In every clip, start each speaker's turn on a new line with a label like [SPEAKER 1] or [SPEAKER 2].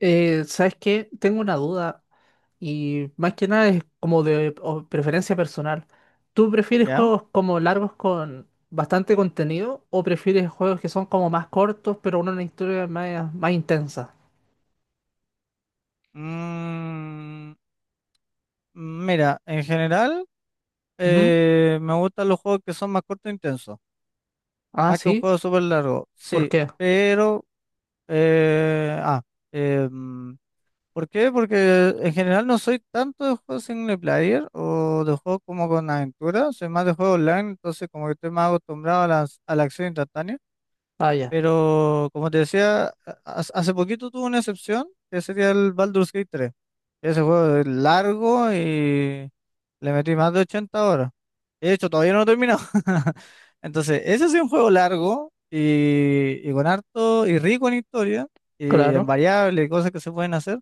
[SPEAKER 1] ¿Sabes qué? Tengo una duda y más que nada es como de preferencia personal. ¿Tú prefieres
[SPEAKER 2] ¿Ya?
[SPEAKER 1] juegos como largos con bastante contenido o prefieres juegos que son como más cortos pero con una historia más intensa?
[SPEAKER 2] Mm, Mira, en general
[SPEAKER 1] Ujú.
[SPEAKER 2] me gustan los juegos que son más cortos e intensos,
[SPEAKER 1] Ah,
[SPEAKER 2] más que un
[SPEAKER 1] sí.
[SPEAKER 2] juego súper largo,
[SPEAKER 1] ¿Por
[SPEAKER 2] sí,
[SPEAKER 1] qué?
[SPEAKER 2] pero. eh, ah, eh, mm, ¿Por qué? Porque en general no soy tanto de juegos single player o de juegos como con aventura, soy más de juegos online, entonces como que estoy más acostumbrado a la acción instantánea,
[SPEAKER 1] Ah, ya.
[SPEAKER 2] pero como te decía, hace poquito tuve una excepción, que sería el Baldur's Gate 3. Ese juego es largo y le metí más de 80 horas. De hecho, todavía no lo he terminado. Entonces, ese sí es un juego largo y con harto y rico en historia y en
[SPEAKER 1] Claro.
[SPEAKER 2] variables y cosas que se pueden hacer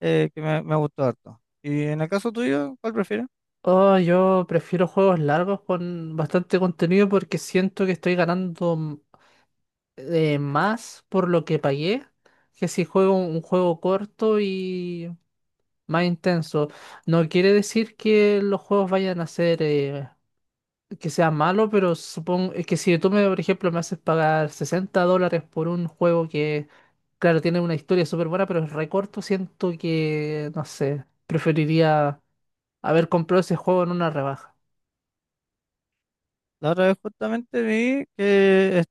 [SPEAKER 2] que me gustó harto. Y en el caso tuyo, ¿cuál prefieres?
[SPEAKER 1] Oh, yo prefiero juegos largos con bastante contenido porque siento que estoy ganando, más por lo que pagué que si juego un juego corto y más intenso. No quiere decir que los juegos vayan a ser que sean malos, pero supongo es que si por ejemplo, me haces pagar $60 por un juego que, claro, tiene una historia súper buena, pero es re corto, siento que, no sé, preferiría haber comprado ese juego en una rebaja.
[SPEAKER 2] La otra vez justamente vi que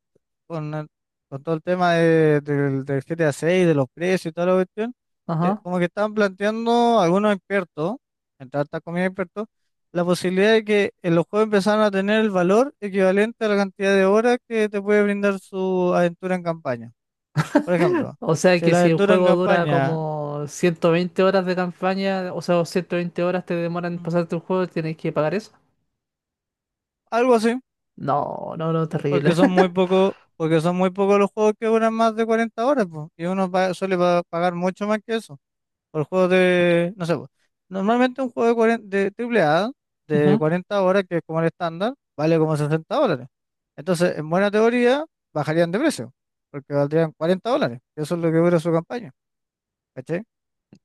[SPEAKER 2] con, el- con todo el tema del GTA 6, de los precios y toda la cuestión,
[SPEAKER 1] Ajá.
[SPEAKER 2] como que estaban planteando algunos expertos, entre altas comillas expertos, la posibilidad de que los juegos empezaran a tener el valor equivalente a la cantidad de horas que te puede brindar su aventura en campaña. Por ejemplo,
[SPEAKER 1] O sea
[SPEAKER 2] si
[SPEAKER 1] que
[SPEAKER 2] la
[SPEAKER 1] si el
[SPEAKER 2] aventura en
[SPEAKER 1] juego dura
[SPEAKER 2] campaña,
[SPEAKER 1] como 120 horas de campaña, o sea, 120 horas te demoran en
[SPEAKER 2] mm,
[SPEAKER 1] pasarte el juego, tienes que pagar eso.
[SPEAKER 2] algo así,
[SPEAKER 1] No, no, no, terrible.
[SPEAKER 2] porque son muy pocos los juegos que duran más de 40 horas, pues, y uno suele pagar mucho más que eso. Por juegos de, no sé, pues, normalmente un juego de, 40 de triple A de
[SPEAKER 1] Ujú.
[SPEAKER 2] 40 horas, que es como el estándar, vale como $60. Entonces, en buena teoría, bajarían de precio, porque valdrían $40. Eso es lo que dura su campaña, ¿cachai?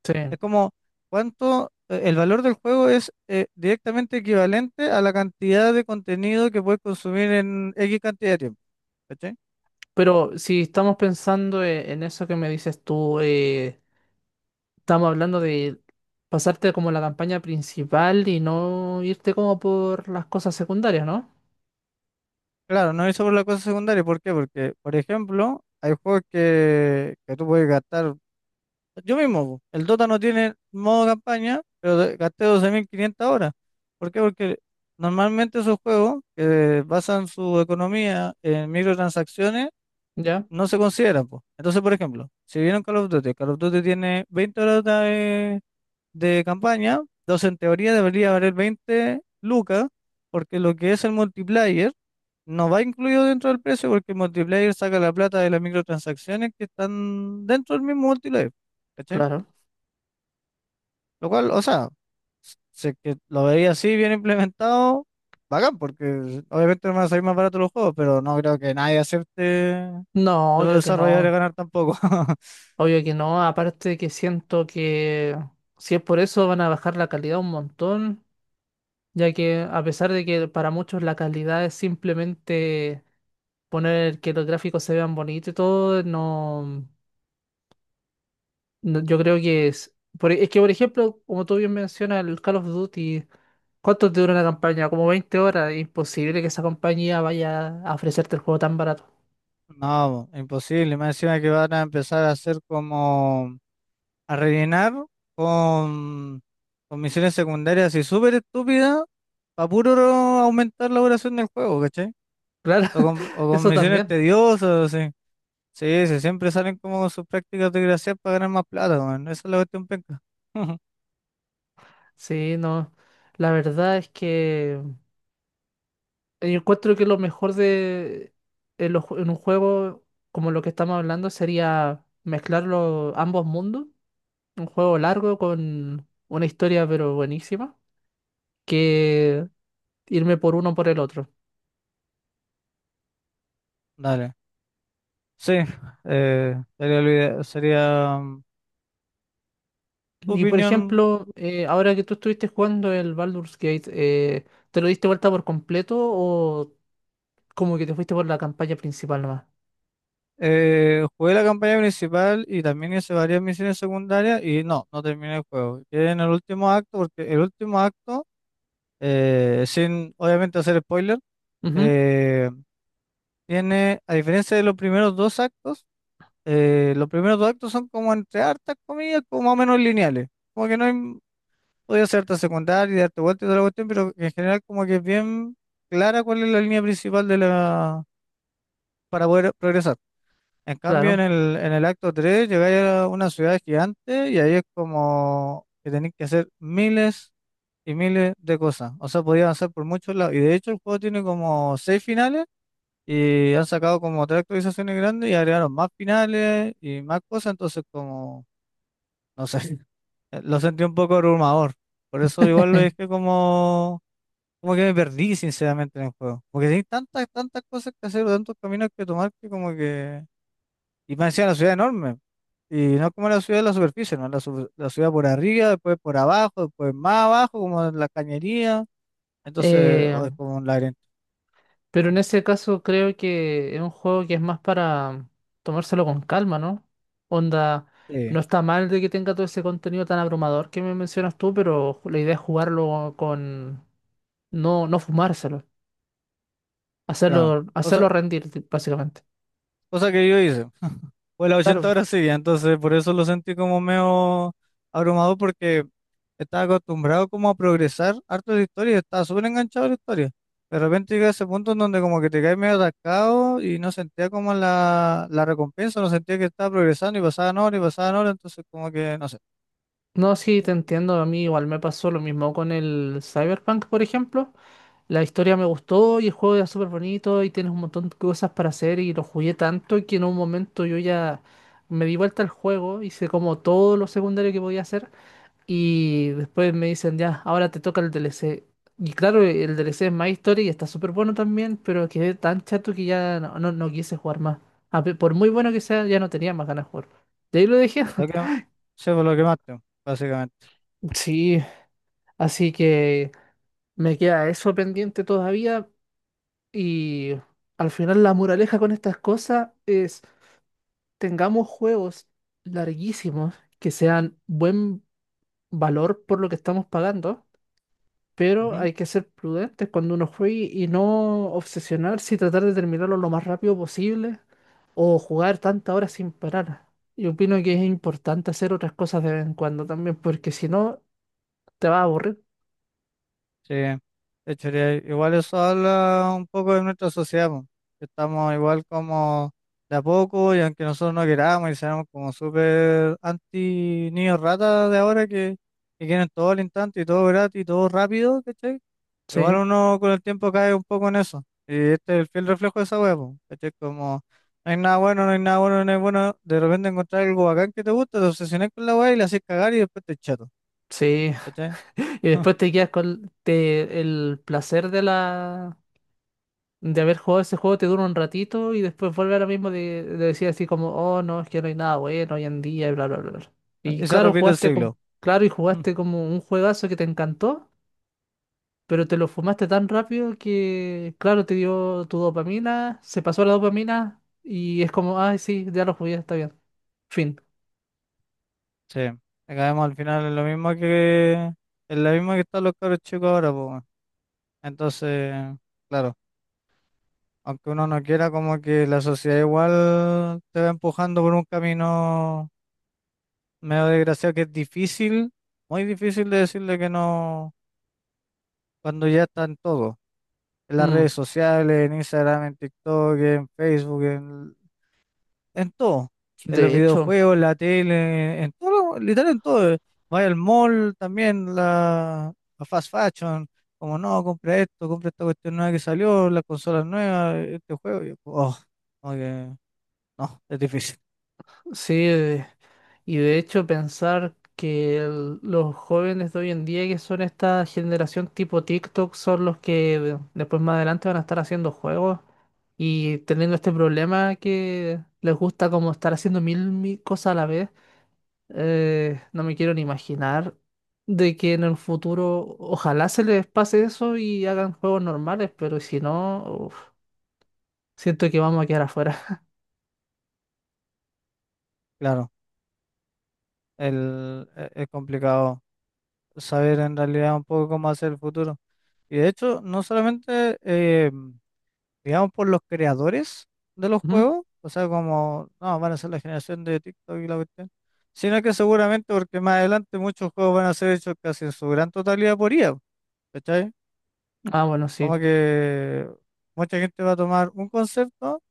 [SPEAKER 1] Sí.
[SPEAKER 2] Es como cuánto, el valor del juego es directamente equivalente a la cantidad de contenido que puedes consumir en X cantidad de tiempo, ¿cachai?
[SPEAKER 1] Pero si estamos pensando en eso que me dices tú, estamos hablando de pasarte como la campaña principal y no irte como por las cosas secundarias, ¿no?
[SPEAKER 2] Claro, no es sobre la cosa secundaria, ¿por qué? Porque, por ejemplo, hay juegos que tú puedes gastar. Yo mismo, po. El Dota no tiene modo campaña, pero gasté 12.500 horas. ¿Por qué? Porque normalmente esos juegos que basan su economía en microtransacciones
[SPEAKER 1] ¿Ya?
[SPEAKER 2] no se consideran, po. Entonces, por ejemplo, si vieron Call of Duty tiene 20 horas de campaña, entonces en teoría debería valer 20 lucas, porque lo que es el multiplayer no va incluido dentro del precio, porque el multiplayer saca la plata de las microtransacciones que están dentro del mismo multiplayer.
[SPEAKER 1] Claro.
[SPEAKER 2] Lo cual, o sea, sé que lo veía así bien implementado, bacán, porque obviamente no van a salir más baratos los juegos, pero no creo que nadie acepte de
[SPEAKER 1] No,
[SPEAKER 2] los
[SPEAKER 1] obvio que no.
[SPEAKER 2] desarrolladores ganar tampoco.
[SPEAKER 1] Obvio que no. Aparte que siento que si es por eso van a bajar la calidad un montón, ya que a pesar de que para muchos la calidad es simplemente poner que los gráficos se vean bonitos y todo, no. No, yo creo que es que, por ejemplo, como tú bien mencionas, el Call of Duty, ¿cuánto te dura una campaña? Como 20 horas. Imposible que esa compañía vaya a ofrecerte el juego tan barato.
[SPEAKER 2] No, imposible. Más encima que van a empezar a hacer como a rellenar con, con misiones secundarias y súper estúpidas para puro aumentar la duración del juego, ¿cachai?
[SPEAKER 1] Claro,
[SPEAKER 2] O con
[SPEAKER 1] eso
[SPEAKER 2] misiones
[SPEAKER 1] también.
[SPEAKER 2] tediosas, así. Sí, sí, siempre salen como con sus prácticas de gracia para ganar más plata, weón. Esa es la cuestión penca.
[SPEAKER 1] Sí, no. La verdad es que yo encuentro que lo mejor de en un juego como lo que estamos hablando sería mezclar ambos mundos. Un juego largo con una historia pero buenísima. Que irme por uno por el otro.
[SPEAKER 2] Dale. Sí, sería tu
[SPEAKER 1] Y por
[SPEAKER 2] opinión.
[SPEAKER 1] ejemplo, ahora que tú estuviste jugando el Baldur's Gate, ¿te lo diste vuelta por completo o como que te fuiste por la campaña principal nomás?
[SPEAKER 2] Jugué la campaña principal y también hice varias misiones secundarias y no, no terminé el juego. Quedé en el último acto porque el último acto, sin obviamente hacer spoiler,
[SPEAKER 1] Ujú,
[SPEAKER 2] eh, tiene, a diferencia de los primeros dos actos, los primeros dos actos son como entre hartas comillas, como más o menos lineales. Como que no hay podía hacer harta secundaria y darte vueltas y toda la cuestión, pero en general como que es bien clara cuál es la línea principal de la para poder progresar. En cambio, en
[SPEAKER 1] claro.
[SPEAKER 2] el, en el acto 3 llegáis a una ciudad gigante y ahí es como que tenéis que hacer miles y miles de cosas. O sea, podía avanzar por muchos lados. Y de hecho el juego tiene como seis finales y han sacado como tres actualizaciones grandes y agregaron más finales y más cosas. Entonces como, no sé, lo sentí un poco abrumador. Por eso igual lo dejé como Como que me perdí sinceramente en el juego. Porque hay tantas, tantas cosas que hacer, tantos caminos que tomar que como que. Y me decía la ciudad enorme. Y no como la ciudad de la superficie, ¿no? La ciudad por arriba, después por abajo, después más abajo, como en la cañería. Entonces,
[SPEAKER 1] Eh,
[SPEAKER 2] o es como un laberinto.
[SPEAKER 1] pero en ese caso creo que es un juego que es más para tomárselo con calma, ¿no? Onda,
[SPEAKER 2] Sí,
[SPEAKER 1] no está mal de que tenga todo ese contenido tan abrumador que me mencionas tú, pero la idea es jugarlo con no, no fumárselo,
[SPEAKER 2] claro.
[SPEAKER 1] hacerlo
[SPEAKER 2] Cosa,
[SPEAKER 1] rendir, básicamente.
[SPEAKER 2] cosa que yo hice. Fue las
[SPEAKER 1] Claro.
[SPEAKER 2] 80 horas seguidas, entonces por eso lo sentí como medio abrumador porque estaba acostumbrado como a progresar harto de la historia, estaba súper enganchado a la historia. De repente llegué a ese punto en donde como que te caes medio atascado y no sentía como la recompensa, no sentía que estaba progresando y pasaban horas, entonces como que, no sé,
[SPEAKER 1] No, sí, te entiendo. A mí igual me pasó lo mismo con el Cyberpunk, por ejemplo. La historia me gustó y el juego era súper bonito y tienes un montón de cosas para hacer y lo jugué tanto que en un momento yo ya me di vuelta al juego, hice como todo lo secundario que podía hacer y después me dicen ya, ahora te toca el DLC. Y claro, el DLC es más historia y está súper bueno también, pero quedé tan chato que ya no quise jugar más. Por muy bueno que sea, ya no tenía más ganas de jugar. De ahí lo dejé.
[SPEAKER 2] lo que, sí, pues, lo quemaste, básicamente.
[SPEAKER 1] Sí, así que... Me queda eso pendiente todavía y al final la moraleja con estas cosas es tengamos juegos larguísimos que sean buen valor por lo que estamos pagando, pero hay que ser prudentes cuando uno juegue y no obsesionarse y tratar de terminarlo lo más rápido posible o jugar tantas horas sin parar. Yo opino que es importante hacer otras cosas de vez en cuando también porque si no te vas a aburrir.
[SPEAKER 2] Sí, de hecho, igual eso habla un poco de nuestra sociedad, po, que estamos igual como de a poco y aunque nosotros no queramos y seamos como súper anti niños ratas de ahora que quieren todo al instante y todo gratis y todo rápido, ¿cachai? Igual
[SPEAKER 1] Sí,
[SPEAKER 2] uno con el tiempo cae un poco en eso. Y este es el fiel reflejo de esa hueá, po, ¿cachai? Como no hay nada bueno, no hay nada bueno, no hay bueno, de repente encontrar algo bacán que te gusta, te obsesionas con la hueá y la haces cagar y después te echato,
[SPEAKER 1] sí.
[SPEAKER 2] ¿cachai?
[SPEAKER 1] Y después te quedas con el placer de la de haber jugado ese juego, te dura un ratito y después vuelve a lo mismo de decir así como, oh no, es que no hay nada bueno hoy en día y bla bla bla bla". Y
[SPEAKER 2] Y se
[SPEAKER 1] claro,
[SPEAKER 2] repite el siglo.
[SPEAKER 1] y jugaste como un juegazo que te encantó, pero te lo fumaste tan rápido que, claro, te dio tu dopamina, se pasó la dopamina y es como, ay sí, ya lo jugué, está bien. Fin.
[SPEAKER 2] Sí, acabemos al final en lo mismo que están los cabros chicos ahora, pues, weón. Entonces, claro, aunque uno no quiera, como que la sociedad igual te va empujando por un camino medio desgraciado que es difícil, muy difícil de decirle que no cuando ya están todos, en las
[SPEAKER 1] Mm.
[SPEAKER 2] redes sociales, en Instagram, en TikTok, en Facebook, en todo, en los
[SPEAKER 1] De hecho,
[SPEAKER 2] videojuegos, la tele, en todo, literal en todo. Vaya al mall también, la fast fashion, como no, compra esto, compra esta cuestión nueva que salió, las consolas nuevas, este juego. Yo, oh, como que no, es difícil,
[SPEAKER 1] sí. Y de hecho pensar que los jóvenes de hoy en día, que son esta generación tipo TikTok, son los que después más adelante van a estar haciendo juegos y teniendo este problema que les gusta como estar haciendo mil cosas a la vez, no me quiero ni imaginar de que en el futuro ojalá se les pase eso y hagan juegos normales, pero si no, uf, siento que vamos a quedar afuera.
[SPEAKER 2] claro, es complicado saber en realidad un poco cómo hacer el futuro. Y de hecho, no solamente digamos, por los creadores de los
[SPEAKER 1] Ujú.
[SPEAKER 2] juegos, o sea, como, no, van a ser la generación de TikTok y la cuestión, sino que seguramente porque más adelante muchos juegos van a ser hechos casi en su gran totalidad por IA, ¿cachai?
[SPEAKER 1] Ah, bueno, sí.
[SPEAKER 2] Como que mucha gente va a tomar un concepto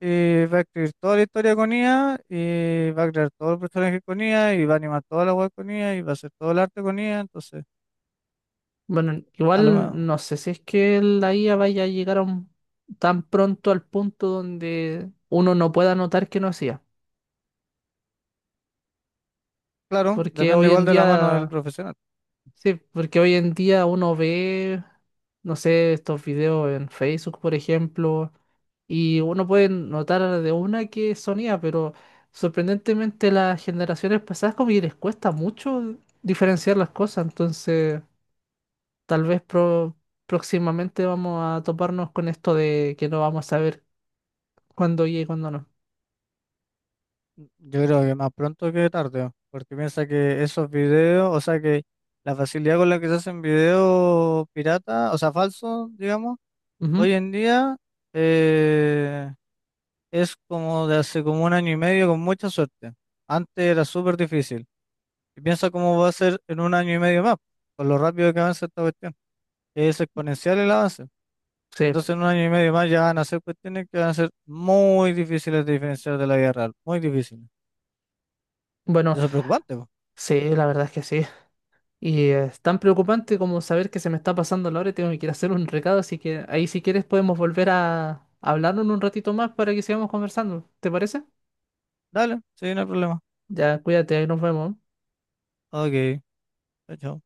[SPEAKER 2] y va a escribir toda la historia con IA y va a crear todos los personajes con IA y va a animar toda la web con IA y va a hacer todo el arte con IA, entonces,
[SPEAKER 1] Bueno,
[SPEAKER 2] a lo
[SPEAKER 1] igual
[SPEAKER 2] mejor,
[SPEAKER 1] no sé si es que la IA vaya a llegar a tan pronto al punto donde uno no pueda notar que no es IA.
[SPEAKER 2] claro,
[SPEAKER 1] Porque
[SPEAKER 2] depende
[SPEAKER 1] hoy
[SPEAKER 2] igual
[SPEAKER 1] en
[SPEAKER 2] de la mano del
[SPEAKER 1] día,
[SPEAKER 2] profesional.
[SPEAKER 1] sí, porque hoy en día uno ve, no sé, estos videos en Facebook, por ejemplo, y uno puede notar de una que son IA, pero sorprendentemente las generaciones pasadas como que les cuesta mucho diferenciar las cosas, entonces... Tal vez próximamente vamos a toparnos con esto de que no vamos a saber cuándo y cuándo no.
[SPEAKER 2] Yo creo que más pronto que tarde, porque piensa que esos videos, o sea que la facilidad con la que se hacen videos pirata, o sea, falsos, digamos, hoy
[SPEAKER 1] Ujú.
[SPEAKER 2] en día eh, es como de hace como un año y medio con mucha suerte. Antes era súper difícil. Y piensa cómo va a ser en un año y medio más, con lo rápido que avanza esta cuestión, que es exponencial el avance.
[SPEAKER 1] Sí,
[SPEAKER 2] Entonces en un año y medio más ya van a ser cuestiones que van a ser muy difíciles de diferenciar de la vida real, muy difíciles. Y
[SPEAKER 1] bueno,
[SPEAKER 2] eso es preocupante, pues.
[SPEAKER 1] sí, la verdad es que sí. Y es tan preocupante como saber que se me está pasando la hora y tengo que ir a hacer un recado, así que ahí si quieres podemos volver a hablarnos un ratito más para que sigamos conversando. ¿Te parece?
[SPEAKER 2] Dale, sí, no hay problema.
[SPEAKER 1] Ya, cuídate, ahí nos vemos.
[SPEAKER 2] Ok, chao, chao.